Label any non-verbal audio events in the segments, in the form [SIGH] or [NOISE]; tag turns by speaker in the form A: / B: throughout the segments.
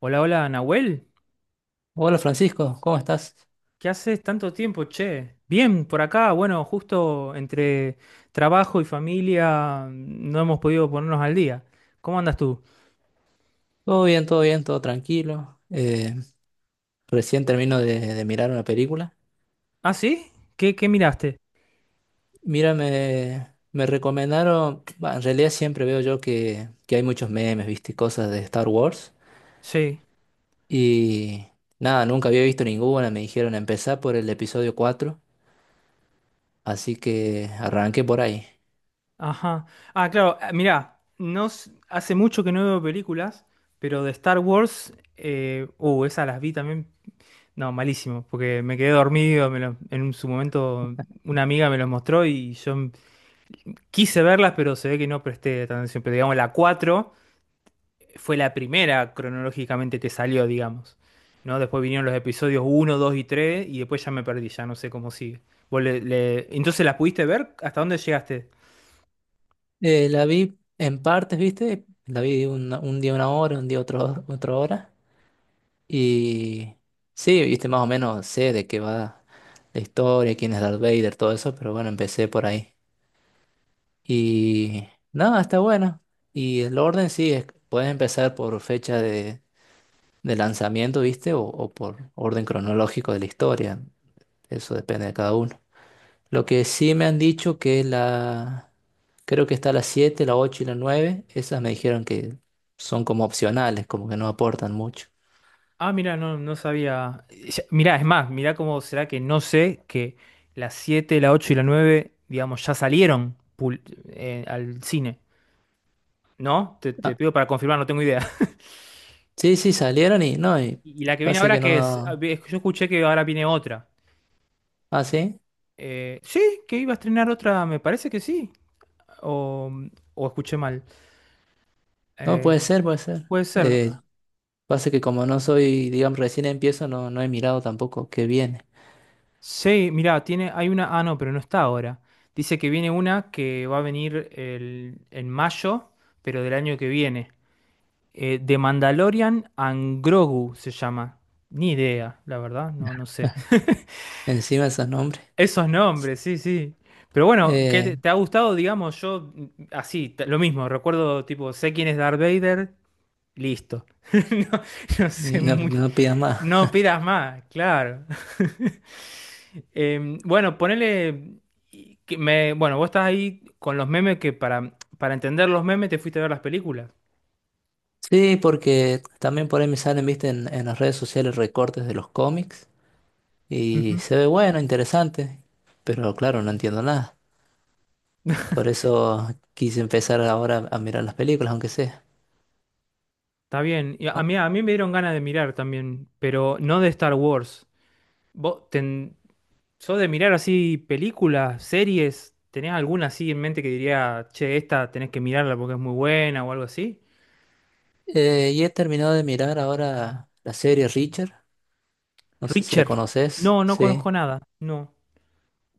A: Hola, hola, Nahuel.
B: Hola Francisco, ¿cómo estás?
A: ¿Qué haces tanto tiempo, che? Bien, por acá, bueno, justo entre trabajo y familia no hemos podido ponernos al día. ¿Cómo andas tú?
B: Todo bien, todo bien, todo tranquilo. Recién termino de mirar una película.
A: ¿Ah, sí? ¿Qué miraste?
B: Mira, me recomendaron, bah, en realidad siempre veo yo que hay muchos memes, viste, y cosas de Star Wars.
A: Sí,
B: Y nada, nunca había visto ninguna, me dijeron empezar por el episodio 4, así que arranqué por ahí.
A: ajá. Ah, claro. Ah, mirá, no, hace mucho que no veo películas, pero de Star Wars, esas las vi también. No, malísimo, porque me quedé dormido, me lo- en un- su momento una amiga me los mostró y yo quise verlas, pero se ve que no presté atención. Pero digamos, la 4 fue la primera cronológicamente que salió, digamos. ¿No? Después vinieron los episodios uno, 2 y 3 y después ya me perdí, ya no sé cómo sigue. ¿ Entonces las pudiste ver? ¿Hasta dónde llegaste?
B: La vi en partes, viste, la vi un día una hora, un día otro, otra hora. Y sí, viste, más o menos sé de qué va la historia, quién es Darth Vader, todo eso, pero bueno, empecé por ahí. Y nada, está bueno. Y el orden sí, puedes empezar por fecha de lanzamiento, viste, o por orden cronológico de la historia. Eso depende de cada uno. Lo que sí me han dicho que la. Creo que está la siete, la 8 y la nueve. Esas me dijeron que son como opcionales, como que no aportan mucho.
A: Ah, mira, no, no sabía. Mirá, es más, mirá cómo será que no sé que las 7, la 8 y la 9, digamos, ya salieron al cine. ¿No? Te
B: Ah,
A: pido para confirmar, no tengo idea. [LAUGHS]
B: sí, sí, salieron y no, y
A: ¿Y la que viene
B: pasa
A: ahora
B: que
A: qué es? Ah,
B: no.
A: yo escuché que ahora viene otra.
B: Ah, sí.
A: Sí, que iba a estrenar otra, me parece que sí. o, o escuché mal.
B: No,
A: Eh,
B: puede ser, puede ser.
A: puede ser.
B: Pasa que como no soy, digamos, recién empiezo, no he mirado tampoco qué viene.
A: Sí, mirá, tiene, hay una. Ah, no, pero no está ahora. Dice que viene una que va a venir en mayo, pero del año que viene. The Mandalorian and Grogu se llama. Ni idea, la verdad, no, no sé.
B: [LAUGHS]
A: [LAUGHS]
B: Encima esos nombres.
A: Esos nombres, sí, sí. Pero bueno, ¿qué
B: Eh,
A: te ha gustado, digamos, yo así, lo mismo, recuerdo, tipo, sé quién es Darth Vader, listo. [LAUGHS] No, no sé
B: no,
A: muy,
B: no pidas más.
A: no pidas más, claro. [LAUGHS] Bueno, ponele y que me, bueno, vos estás ahí con los memes que para entender los memes te fuiste a ver las películas.
B: Sí, porque también por ahí me salen, viste, en las redes sociales recortes de los cómics y
A: Ujú.
B: se ve bueno, interesante, pero claro, no entiendo nada. Por eso quise empezar ahora a mirar las películas, aunque sea.
A: Está bien. Y a mí me dieron ganas de mirar también, pero no de Star Wars. ¿Vos ten- Yo de mirar así películas, series, ¿tenés alguna así en mente que diría, che, esta tenés que mirarla porque es muy buena o algo así?
B: Y he terminado de mirar ahora la serie Richard. No sé si la
A: Richard.
B: conoces.
A: No, no conozco
B: Sí.
A: nada. No.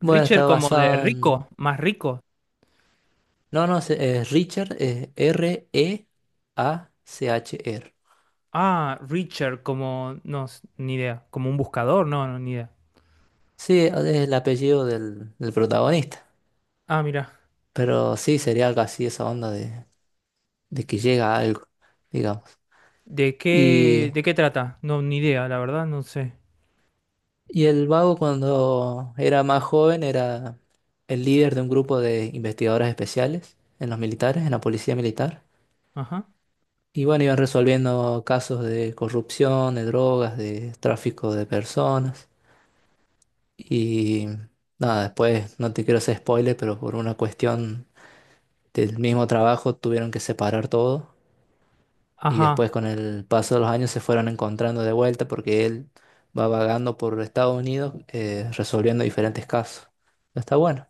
B: Bueno, está
A: como de
B: basada
A: rico,
B: en.
A: más rico.
B: No, no, es Richard, es Reachr.
A: Ah, Richard como, no, ni idea. Como un buscador, no, no, ni idea.
B: Sí, es el apellido del protagonista.
A: Ah, mira.
B: Pero sí, sería algo así, esa onda de que llega a algo, digamos.
A: ¿De qué,
B: Y,
A: de qué trata? No, ni idea, la verdad, no sé.
B: y el vago, cuando era más joven, era el líder de un grupo de investigadores especiales en los militares, en la policía militar.
A: Ajá.
B: Y bueno, iban resolviendo casos de corrupción, de drogas, de tráfico de personas. Y nada, después no te quiero hacer spoiler, pero por una cuestión del mismo trabajo tuvieron que separar todo. Y después
A: Ajá.
B: con el paso de los años se fueron encontrando de vuelta porque él va vagando por Estados Unidos, resolviendo diferentes casos. Está bueno.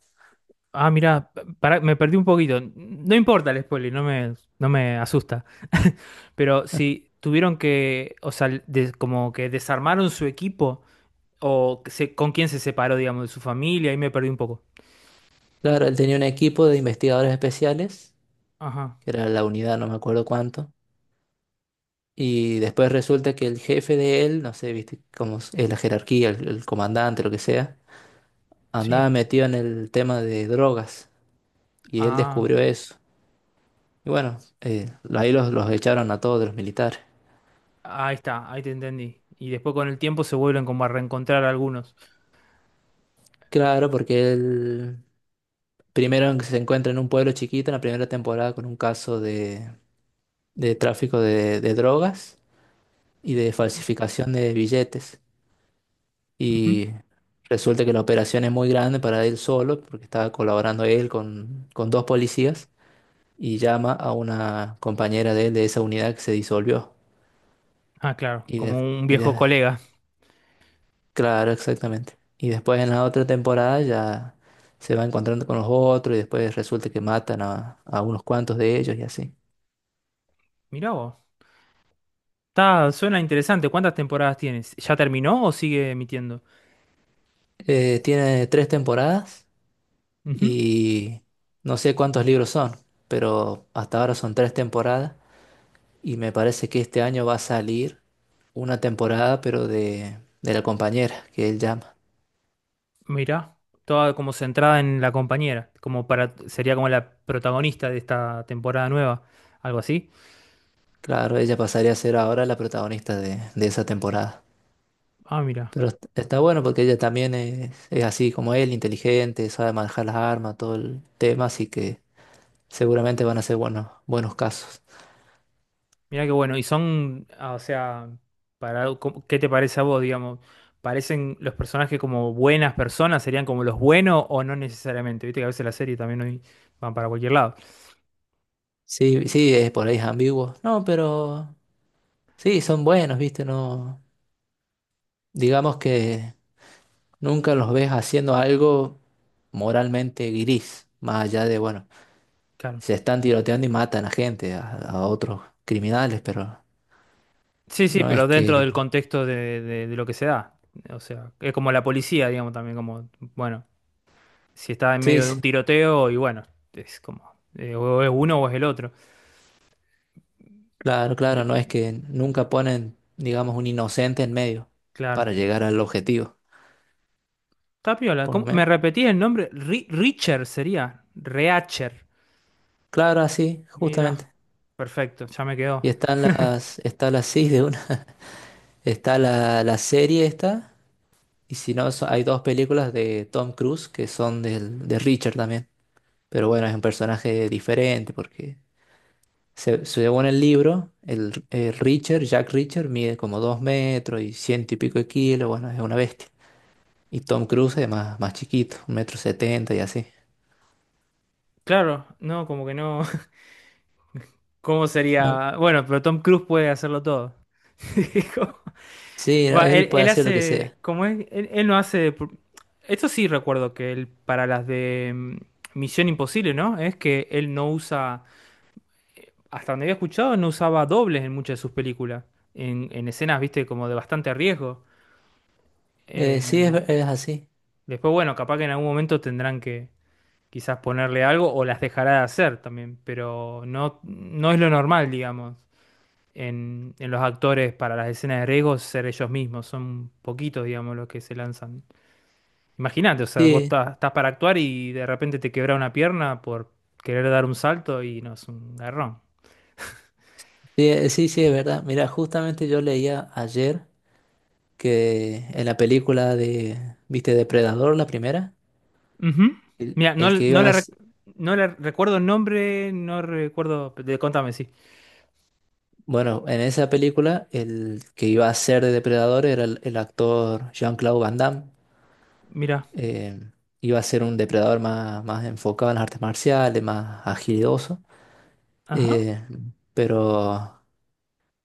A: Ah, mira, para, me perdí un poquito. No importa el spoiler, no me asusta. [LAUGHS] Pero si tuvieron que, o sea, como que desarmaron su equipo, o que con quién se separó, digamos, de su familia, ahí me perdí un poco.
B: Claro, él tenía un equipo de investigadores especiales,
A: Ajá,
B: que era la unidad, no me acuerdo cuánto. Y después resulta que el jefe de él, no sé, viste, como es la jerarquía, el comandante, lo que sea,
A: sí.
B: andaba metido en el tema de drogas. Y él
A: Ah,
B: descubrió eso. Y bueno, ahí los echaron a todos los militares.
A: ahí está, ahí te entendí. Y después con el tiempo se vuelven como a reencontrar algunos.
B: Claro, porque él primero se encuentra en un pueblo chiquito en la primera temporada con un caso de tráfico de drogas y de falsificación de billetes.
A: Ujú.
B: Y resulta que la operación es muy grande para él solo, porque estaba colaborando él con dos policías. Y llama a una compañera de él de esa unidad que se disolvió.
A: Ah, claro,
B: Y,
A: como un
B: y
A: viejo
B: de-
A: colega.
B: claro, exactamente. Y después en la otra temporada ya se va encontrando con los otros y después resulta que matan a unos cuantos de ellos y así.
A: Mirá vos. Suena interesante. ¿Cuántas temporadas tienes? ¿Ya terminó o sigue emitiendo?
B: Tiene tres temporadas y no sé cuántos libros son, pero hasta ahora son tres temporadas y me parece que este año va a salir una temporada, pero de la compañera que él llama.
A: Mira, toda como centrada en la compañera, como para sería como la protagonista de esta temporada nueva, algo así.
B: Claro, ella pasaría a ser ahora la protagonista de esa temporada.
A: Ah, mira,
B: Pero está bueno porque ella también es así como él, inteligente, sabe manejar las armas, todo el tema, así que seguramente van a ser buenos, buenos casos.
A: mira qué bueno. Y son, ah, o sea, para ¿qué te parece a vos, digamos? ¿Parecen los personajes como buenas personas? ¿Serían como los buenos o no necesariamente? Viste que a veces la serie también hoy van para cualquier lado.
B: Sí, sí, es por ahí es ambiguo. No, pero sí, son buenos, ¿viste? No, digamos que nunca los ves haciendo algo moralmente gris, más allá de, bueno,
A: Claro.
B: se están tiroteando y matan a gente, a otros criminales, pero
A: Sí, sí,
B: no es
A: pero dentro
B: que.
A: del contexto de lo que se da. O sea, es como la policía, digamos, también como, bueno. Si está en
B: Sí,
A: medio de un
B: sí.
A: tiroteo y bueno, es como, o es uno o es el otro.
B: Claro, claro, no
A: No,
B: es que nunca ponen, digamos, un inocente en medio
A: claro.
B: para llegar al objetivo,
A: Está piola.
B: por lo
A: ¿Cómo? ¿Me
B: menos.
A: repetí el nombre? Richer sería. Reacher.
B: Claro, así,
A: Mira,
B: justamente.
A: perfecto, ya me
B: Y
A: quedó.
B: están las, está la sí de una, [LAUGHS] está la serie esta, y si no, hay dos películas de Tom Cruise que son de Richard también. Pero bueno, es un personaje diferente porque según el libro, el Richard, Jack Richard, mide como 2 metros y ciento y pico de kilos, bueno, es una bestia. Y Tom Cruise es más chiquito, un metro setenta y así.
A: Claro, no, como que no. [LAUGHS] ¿Cómo
B: No,
A: sería? Bueno, pero Tom Cruise puede hacerlo todo. [LAUGHS] Como-
B: sí, no,
A: Va,
B: él
A: él,
B: puede
A: él
B: hacer lo que
A: hace,
B: sea.
A: como es, él no hace. Esto sí recuerdo que él, para las de Misión Imposible, ¿no? Es que él no usa hasta donde había escuchado, no usaba dobles en muchas de sus películas. En escenas, viste, como de bastante riesgo. Eh,
B: Sí, es así.
A: después, bueno, capaz que en algún momento tendrán que quizás ponerle algo o las dejará de hacer también, pero no, no es lo normal, digamos, en los actores para las escenas de riesgo ser ellos mismos. Son poquitos, digamos, los que se lanzan. Imagínate, o sea, vos
B: Sí,
A: estás, para actuar y de repente te quebra una pierna por querer dar un salto y no es un garrón.
B: sí, sí, sí, es verdad. Mira, justamente yo leía ayer que en la película de, ¿viste? Depredador, la primera,
A: Ujú.
B: el,
A: Mira, no,
B: el que
A: no,
B: iba a,
A: no la recuerdo el nombre, no recuerdo. De, contame, sí.
B: bueno, en esa película, el que iba a ser de depredador era el actor Jean-Claude Van Damme.
A: Mira,
B: Eh, Iba a ser un depredador más, más enfocado en las artes marciales, más agilidoso.
A: ajá,
B: Eh, pero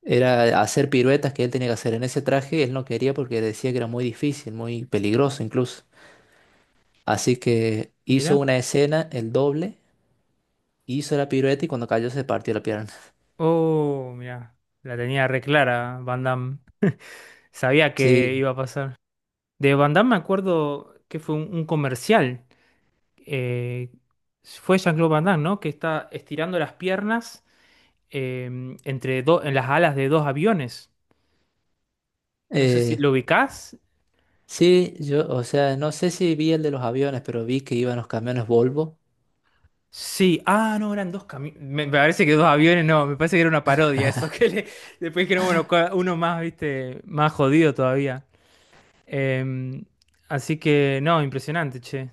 B: era hacer piruetas que él tenía que hacer en ese traje, él no quería porque decía que era muy difícil, muy peligroso incluso. Así que hizo
A: mira.
B: una escena, el doble, hizo la pirueta y cuando cayó se partió la pierna. [LAUGHS]
A: Oh, mira. La tenía re clara, Van Damme. Sabía que
B: Sí,
A: iba a pasar. De Van Damme me acuerdo que fue un comercial. eh, fue Jean-Claude Van Damme, ¿no? Que está estirando las piernas entre dos en las alas de dos aviones. No sé si
B: eh,
A: lo ubicás.
B: sí, yo, o sea, no sé si vi el de los aviones, pero vi que iban los camiones Volvo.
A: Sí, ah, no, eran dos camiones. Me parece que dos aviones, no, me parece que era una parodia eso. [LAUGHS] Después dijeron, bueno, uno más, viste, más jodido todavía. Em, así que, no, impresionante, che.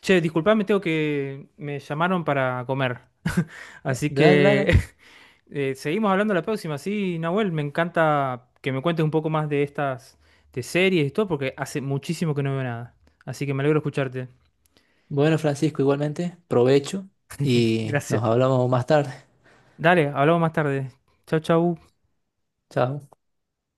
A: Che, disculpame, tengo que. Me llamaron para comer. Así
B: Dale,
A: que
B: dale.
A: [LAUGHS] seguimos hablando la próxima. Sí, Nahuel, me encanta que me cuentes un poco más de estas, de series y todo, porque hace muchísimo que no veo nada. Así que me alegro escucharte.
B: Bueno, Francisco, igualmente, provecho y
A: Gracias.
B: nos hablamos más tarde.
A: Dale, hablamos más tarde. Chau, chau.
B: Chao.